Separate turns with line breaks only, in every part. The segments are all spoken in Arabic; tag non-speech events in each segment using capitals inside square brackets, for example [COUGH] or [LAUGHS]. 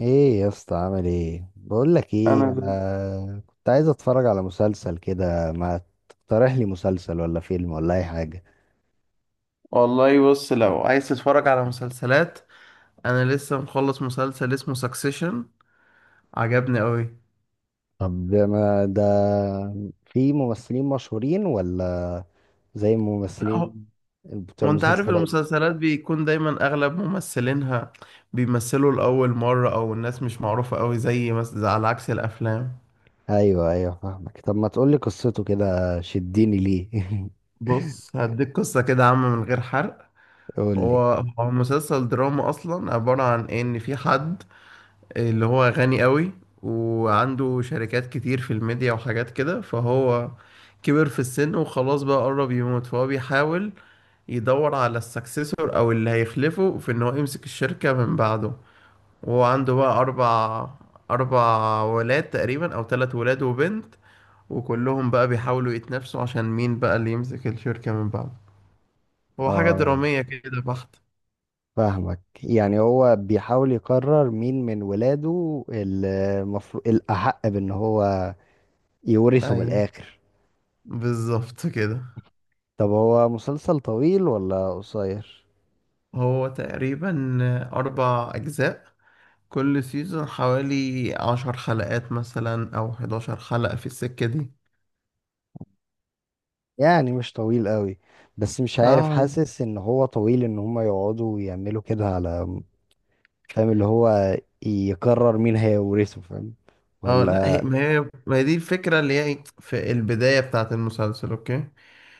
ايه يا اسطى، عامل ايه؟ بقول لك ايه،
انا زي-
انا كنت عايز اتفرج على مسلسل كده، ما تقترح لي مسلسل ولا فيلم ولا اي حاجه؟
والله بص، لو عايز تتفرج على مسلسلات انا لسه مخلص مسلسل اسمه سكسيشن، عجبني قوي.
طب ما ده، في ممثلين مشهورين ولا زي
لا هو،
الممثلين بتوع
وانت عارف
المسلسلات؟
المسلسلات بيكون دايما اغلب ممثلينها بيمثلوا لاول مره، او الناس مش معروفه قوي، زي على عكس الافلام.
ايوه ايوه، فاهمك. طب ما تقول لي قصته كده، شديني ليه؟ [LAUGHS]
بص، هديك قصه كده عامه من غير حرق.
قول لي.
هو هو مسلسل دراما، اصلا عباره عن ان في حد اللي هو غني قوي، وعنده شركات كتير في الميديا وحاجات كده. فهو كبر في السن وخلاص بقى قرب يموت، فهو بيحاول يدور على السكسيسور او اللي هيخلفه في ان هو يمسك الشركة من بعده. وهو عنده بقى اربع ولاد تقريبا، او ثلاث ولاد وبنت، وكلهم بقى بيحاولوا يتنافسوا عشان مين بقى اللي يمسك الشركة من بعده. هو حاجة
اه،
درامية كده بحت.
فاهمك. يعني هو بيحاول يقرر مين من ولاده المفروض الأحق بأن هو يورثه من
ايوه،
الآخر.
بالظبط كده.
طب هو مسلسل طويل ولا قصير؟
هو تقريبا اربع اجزاء، كل سيزون حوالي عشر حلقات مثلا او حداشر حلقة في السكة دي.
يعني مش طويل قوي، بس مش عارف،
اه.
حاسس ان هو طويل ان هما يقعدوا يعملوا كده على. فاهم اللي هو يقرر مين هيورثه، فاهم
اه، لا هي،
ولا؟
ما هي دي الفكرة اللي هي في البداية بتاعة المسلسل، اوكي،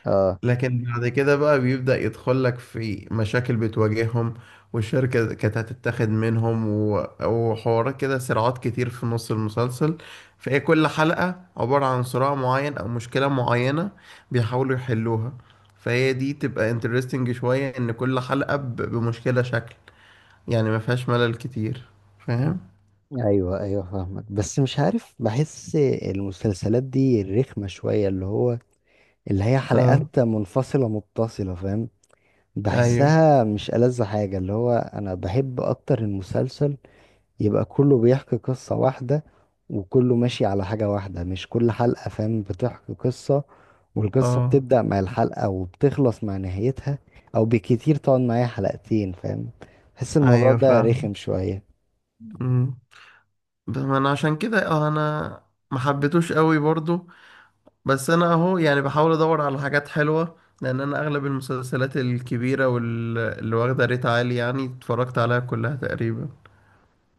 اه.
لكن بعد كده بقى بيبدأ يدخل لك في مشاكل بتواجههم، والشركة كانت هتتاخد منهم وحوارات كده، صراعات كتير في نص المسلسل. فهي كل حلقة عبارة عن صراع معين أو مشكلة معينة بيحاولوا يحلوها. فهي دي تبقى انترستنج شوية، إن كل حلقة بمشكلة شكل، يعني ما فيهاش ملل كتير. فاهم؟
ايوه ايوه، فاهمك. بس مش عارف، بحس المسلسلات دي رخمة شوية، اللي هي
اه.
حلقات منفصلة متصلة، فاهم.
ايوه.
بحسها مش ألذ حاجة، اللي هو انا بحب اكتر المسلسل يبقى كله بيحكي قصة واحدة، وكله ماشي على حاجة واحدة، مش كل حلقة فاهم بتحكي قصة، والقصة
اه،
بتبدأ مع الحلقة وبتخلص مع نهايتها، أو بكتير تقعد معايا حلقتين. فاهم، بحس الموضوع
ايوه
ده
فاهم.
رخم شوية.
أمم. بس انا عشان كده انا ما حبيتوش قوي برضو، بس انا اهو يعني بحاول ادور على حاجات حلوه، لان انا اغلب المسلسلات الكبيره واللي واخده ريت عالي يعني اتفرجت عليها كلها تقريبا.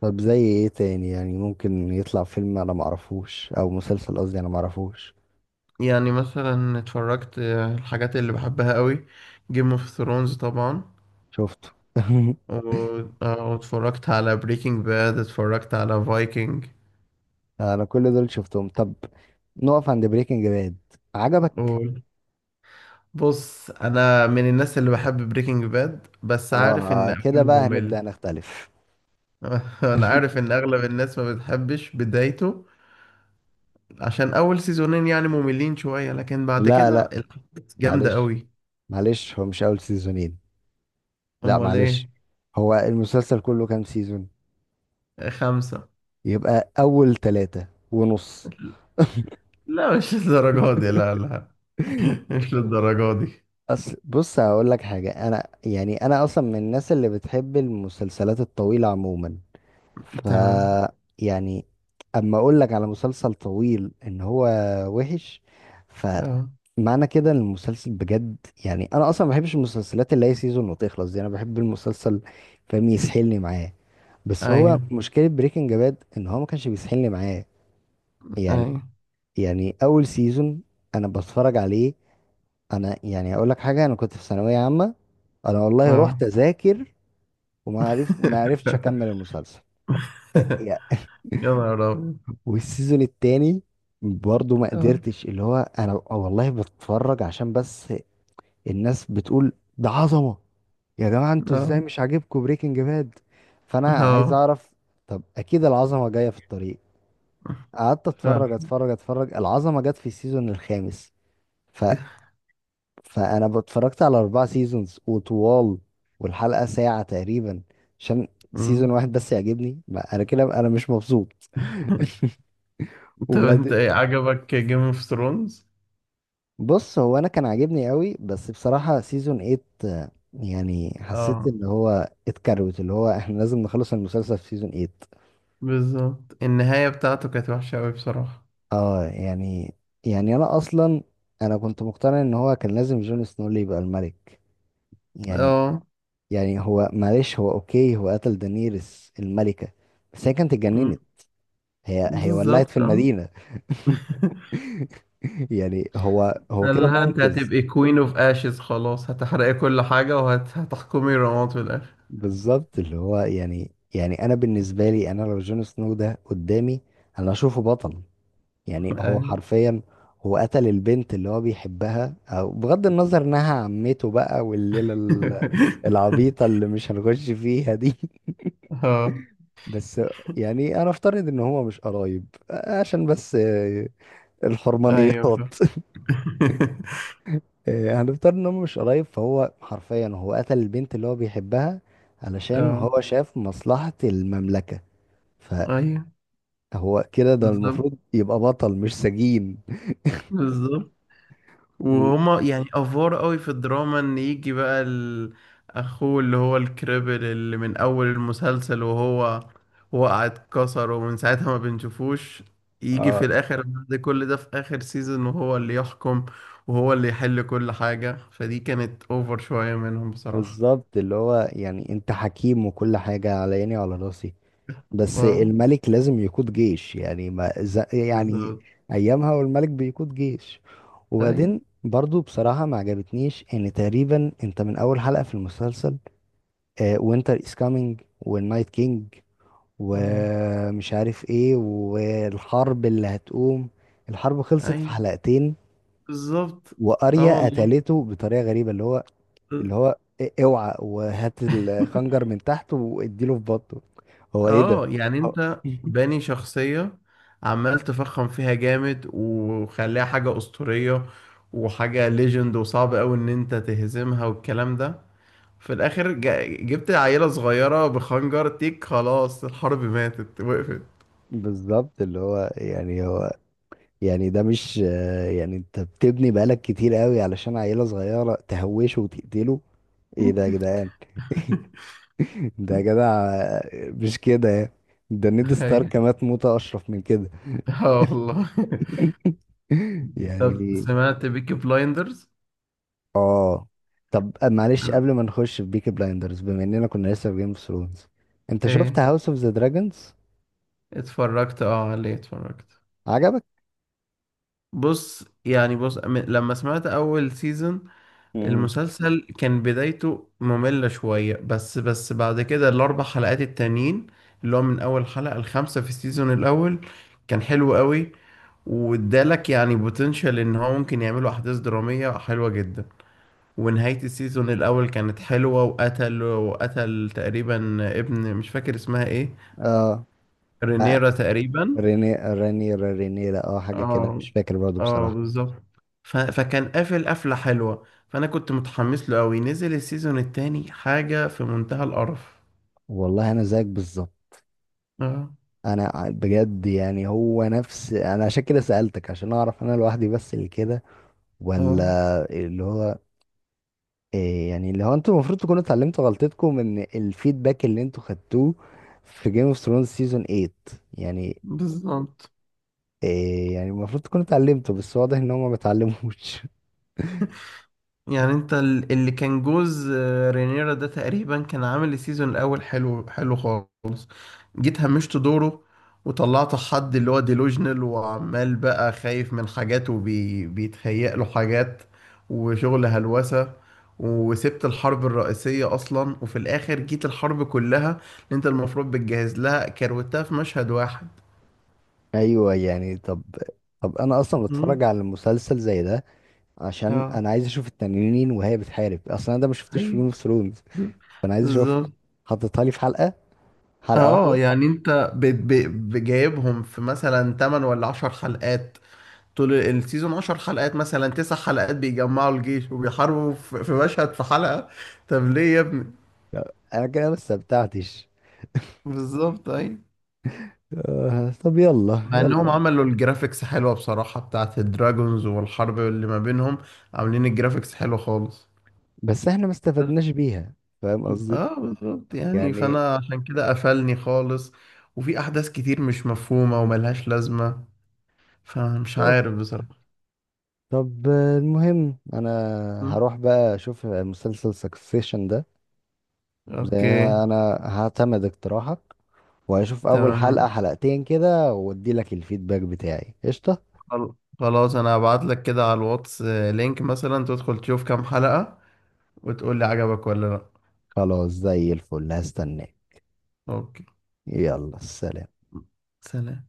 طب زي ايه تاني؟ يعني ممكن يطلع فيلم أنا معرفوش، أو مسلسل قصدي، أنا معرفوش.
يعني مثلا اتفرجت، الحاجات اللي بحبها قوي، جيم اوف ثرونز طبعا،
شفته. [LAUGHS]
واتفرجت على بريكنج باد، اتفرجت على فايكنج.
أنا كل دول شفتهم. طب نقف عند بريكنج باد، عجبك؟
بص، انا من الناس اللي بحب بريكنج باد، بس عارف ان
اه، كده
اوله
بقى
ممل.
هنبدأ نختلف.
[LAUGHS] انا
[LAUGHS]
عارف ان اغلب الناس ما بتحبش بدايته، عشان اول سيزونين يعني مملين شوية، لكن بعد
لا
كده
لا،
الأحداث جامدة
معلش
قوي.
معلش، هو مش اول سيزونين، لا
امال
معلش.
ايه.
هو المسلسل كله كام سيزون؟
خمسة.
يبقى اول 3.5.
لا، مش للدرجة دي، لا لا. [LAUGHS]
[LAUGHS]
مش للدرجة دي.
أصل بص هقول لك حاجة، أنا أصلا من الناس اللي بتحب المسلسلات الطويلة عموما، ف،
تمام.
يعني أما أقول لك على مسلسل طويل إن هو وحش،
اه.
فمعنى كده إن المسلسل بجد، يعني أنا أصلا ما بحبش المسلسلات اللي هي سيزون وتخلص دي، أنا بحب المسلسل فاهم، يسحلني معاه. بس هو
ايوه،
مشكلة بريكنج باد ان هو ما كانش بيسحلني معاه. يعني
ايوه.
يعني اول سيزون، انا بتفرج عليه، انا يعني اقول لك حاجة، انا كنت في ثانوية عامة، انا والله
اه.
رحت اذاكر وما عرفت ما عرفتش اكمل
[LAUGHS]
المسلسل. يا-
يا نهار ابيض.
والسيزون التاني برضه ما
اه.
قدرتش، اللي هو انا والله بتفرج عشان بس الناس بتقول ده عظمة، يا جماعة انتوا ازاي
اه.
مش عاجبكم بريكنج باد؟ فانا عايز
اه.
اعرف. طب اكيد العظمة جاية في الطريق، قعدت اتفرج
فعلا.
اتفرج اتفرج، العظمه جت في السيزون الخامس. ف...
[LAUGHS]
فانا اتفرجت على 4 سيزونز وطوال، والحلقه ساعه تقريبا، عشان سيزون
مم.
واحد بس يعجبني، ما انا كده انا مش مبسوط. [LAUGHS]
طب انت
وبعد،
ايه عجبك جيم اوف ثرونز؟
بص هو انا كان عاجبني قوي، بس بصراحه سيزون 8 يعني حسيت
اه،
ان هو اتكروت، اللي هو احنا لازم نخلص المسلسل في سيزون 8.
بالظبط، النهاية بتاعته كانت وحشة قوي بصراحة.
اه، يعني انا اصلا كنت مقتنع ان هو كان لازم جون سنو اللي يبقى الملك. يعني
اه.
يعني هو معلش، هو اوكي، هو قتل دانيرس الملكة، بس هي كانت
مم.
اتجننت، هي ولعت في
بالظبط، اه.
المدينة. [LAUGHS] يعني هو كده
قال لها انت
منقذ.
هتبقي كوين اوف اشز، خلاص هتحرقي كل حاجة وهتحكمي رماد في الاخر.
بالظبط اللي هو، يعني انا بالنسبة لي، انا لو جون سنو ده قدامي، انا اشوفه بطل. يعني هو
ايوه.
حرفيا هو قتل البنت اللي هو بيحبها، او بغض النظر انها عمته بقى، والليلة العبيطة اللي مش هنخش فيها دي.
[LAUGHS] اه،
بس يعني انا افترض ان هو مش قرايب عشان بس،
ايوه.
الحرمانيات. [LAUGHS]
[LAUGHS]
هنفترض ان هو مش قرايب، فهو حرفيا قتل البنت اللي هو بيحبها علشان
اه،
هو شاف مصلحة المملكة،
ايوه
فهو كده ده
بالظبط.
المفروض يبقى بطل مش سجين.
بالظبط.
[LAUGHS] و-
وهما يعني افوار قوي في الدراما ان يجي بقى ال- اخوه اللي هو الكريبل اللي من اول المسلسل وهو وقع اتكسر ومن ساعتها ما بنشوفوش، يجي في
اه،
الاخر بعد كل ده في اخر سيزون وهو اللي يحكم وهو اللي يحل كل حاجة. فدي كانت اوفر شوية منهم بصراحة.
بالظبط. اللي هو يعني انت حكيم وكل حاجة على عيني وعلى راسي، بس
اه،
الملك لازم يقود جيش، يعني ما ز- يعني
بالظبط.
ايامها والملك بيقود جيش.
ايوه.
وبعدين برضو بصراحة ما عجبتنيش ان تقريبا انت من اول حلقة في المسلسل وينتر از كامينج، والنايت كينج،
اه.
ومش عارف ايه، والحرب اللي هتقوم، الحرب خلصت في
ايوه،
حلقتين.
بالظبط. اه
واريا
والله.
قتلته بطريقة غريبة. اللي هو اوعى وهات
[LAUGHS]
الخنجر من تحت واديله في بطنه. هو ايه ده؟
اه، يعني
[LAUGHS] هو-
انت باني شخصية، عمال تفخم فيها جامد وخليها حاجة أسطورية وحاجة ليجند، وصعب أوي إن أنت تهزمها والكلام ده. في الآخر جبت عيلة صغيرة بخنجر تيك، خلاص الحرب ماتت وقفت.
بالظبط، اللي هو يعني هو يعني ده مش، يعني انت بتبني بقالك كتير قوي علشان عيلة صغيرة تهوشه وتقتله. ايه ده يا جدعان؟ [LAUGHS] ده يا جدع، مش كده يعني. ده نيد
أيوة.
ستارك مات موتة اشرف من كده.
اه والله. [LAUGHS]
[LAUGHS]
طب،
يعني
سمعت بيكي بلايندرز؟
اه، طب معلش قبل ما نخش في بيكي بلايندرز، بما اننا كنا لسه في جيم اوف ثرونز، انت شفت
ايه،
هاوس اوف ذا دراجونز؟
اتفرجت، اه عليه اتفرجت.
عجبك؟
بص يعني، لما سمعت اول سيزون،
امم،
المسلسل كان بدايته مملة شوية، بس بعد كده الأربع حلقات التانيين، اللي هو من أول حلقة الخامسة في السيزون الأول، كان حلو قوي، وادالك يعني بوتنشال إن هو ممكن يعملوا أحداث درامية حلوة جدا. ونهاية السيزون الأول كانت حلوة، وقتل وقتل تقريبا ابن مش فاكر اسمها ايه،
اه،
رينيرا تقريبا.
ريني رانيرا رينيرا، اه، حاجة كده،
اه.
مش فاكر برضه
اه،
بصراحة.
بالظبط. فكان قافل قفلة حلوة، فأنا كنت متحمس له أوي. نزل السيزون التاني حاجة في منتهى القرف.
والله أنا زيك بالظبط.
اه.
أنا بجد، يعني هو نفس، أنا عشان كده سألتك عشان أعرف أنا لوحدي بس اللي كده،
اه،
ولا؟ اللي هو إيه يعني، اللي هو أنتوا المفروض تكونوا اتعلمتوا غلطتكم من الفيدباك اللي أنتوا خدتوه في جيم اوف ثرونز سيزون 8، يعني
بالظبط.
إيه يعني المفروض تكونوا اتعلمتوا بس واضح إن هما ما اتعلموش.
يعني انت ال- اللي كان جوز رينيرا ده تقريبا كان عامل السيزون الأول حلو حلو خالص، جيت همشت دوره، وطلعت حد اللي هو ديلوجنال وعمال بقى خايف من حاجات وبيتهيأ له حاجات وشغل هلوسة. وسبت الحرب الرئيسية أصلا، وفي الآخر جيت الحرب كلها اللي أنت المفروض بتجهز لها كروتها في مشهد واحد.
[LAUGHS] أيوه يعني، طب طب، أنا أصلا بتفرج
مم.
على مسلسل زي ده عشان
اه،
انا عايز اشوف التنانين وهي بتحارب اصلا، انا ده ما شفتوش في جيم
أيوه،
اوف ثرونز، فانا عايز اشوفها،
بالظبط.
حطيتها لي في حلقه، حلقه
اه،
واحده.
يعني أنت بجايبهم في مثلا 8 ولا 10 حلقات، طول السيزون 10 حلقات، مثلا تسع حلقات بيجمعوا الجيش وبيحاربوا في مشهد في حلقة. طب ليه يا ابني؟
انا كده ما استمتعتش،
بالظبط، اي.
طب يلا
مع انهم
يلا.
عملوا الجرافيكس حلوة بصراحة بتاعت الدراجونز والحرب اللي ما بينهم، عاملين الجرافيكس حلو خالص،
بس احنا ما
بس-
استفدناش بيها، فاهم قصدي.
اه، بالظبط. يعني
يعني
فانا عشان كده قفلني خالص، وفي احداث كتير مش مفهومة وملهاش لازمة، فمش
طب
عارف بصراحة.
طب، المهم انا
م.
هروح بقى اشوف مسلسل سكسيشن ده، زي،
اوكي.
انا هعتمد اقتراحك، وهشوف اول حلقة
تمام.
حلقتين كده وادي لك الفيدباك بتاعي، قشطة.
خل- خلاص انا هبعت لك كده على الواتس، لينك مثلا تدخل تشوف كام حلقة وتقول لي عجبك ولا لا.
خلاص زي الفل، هستناك.
اوكي.
يلا، سلام.
سلام.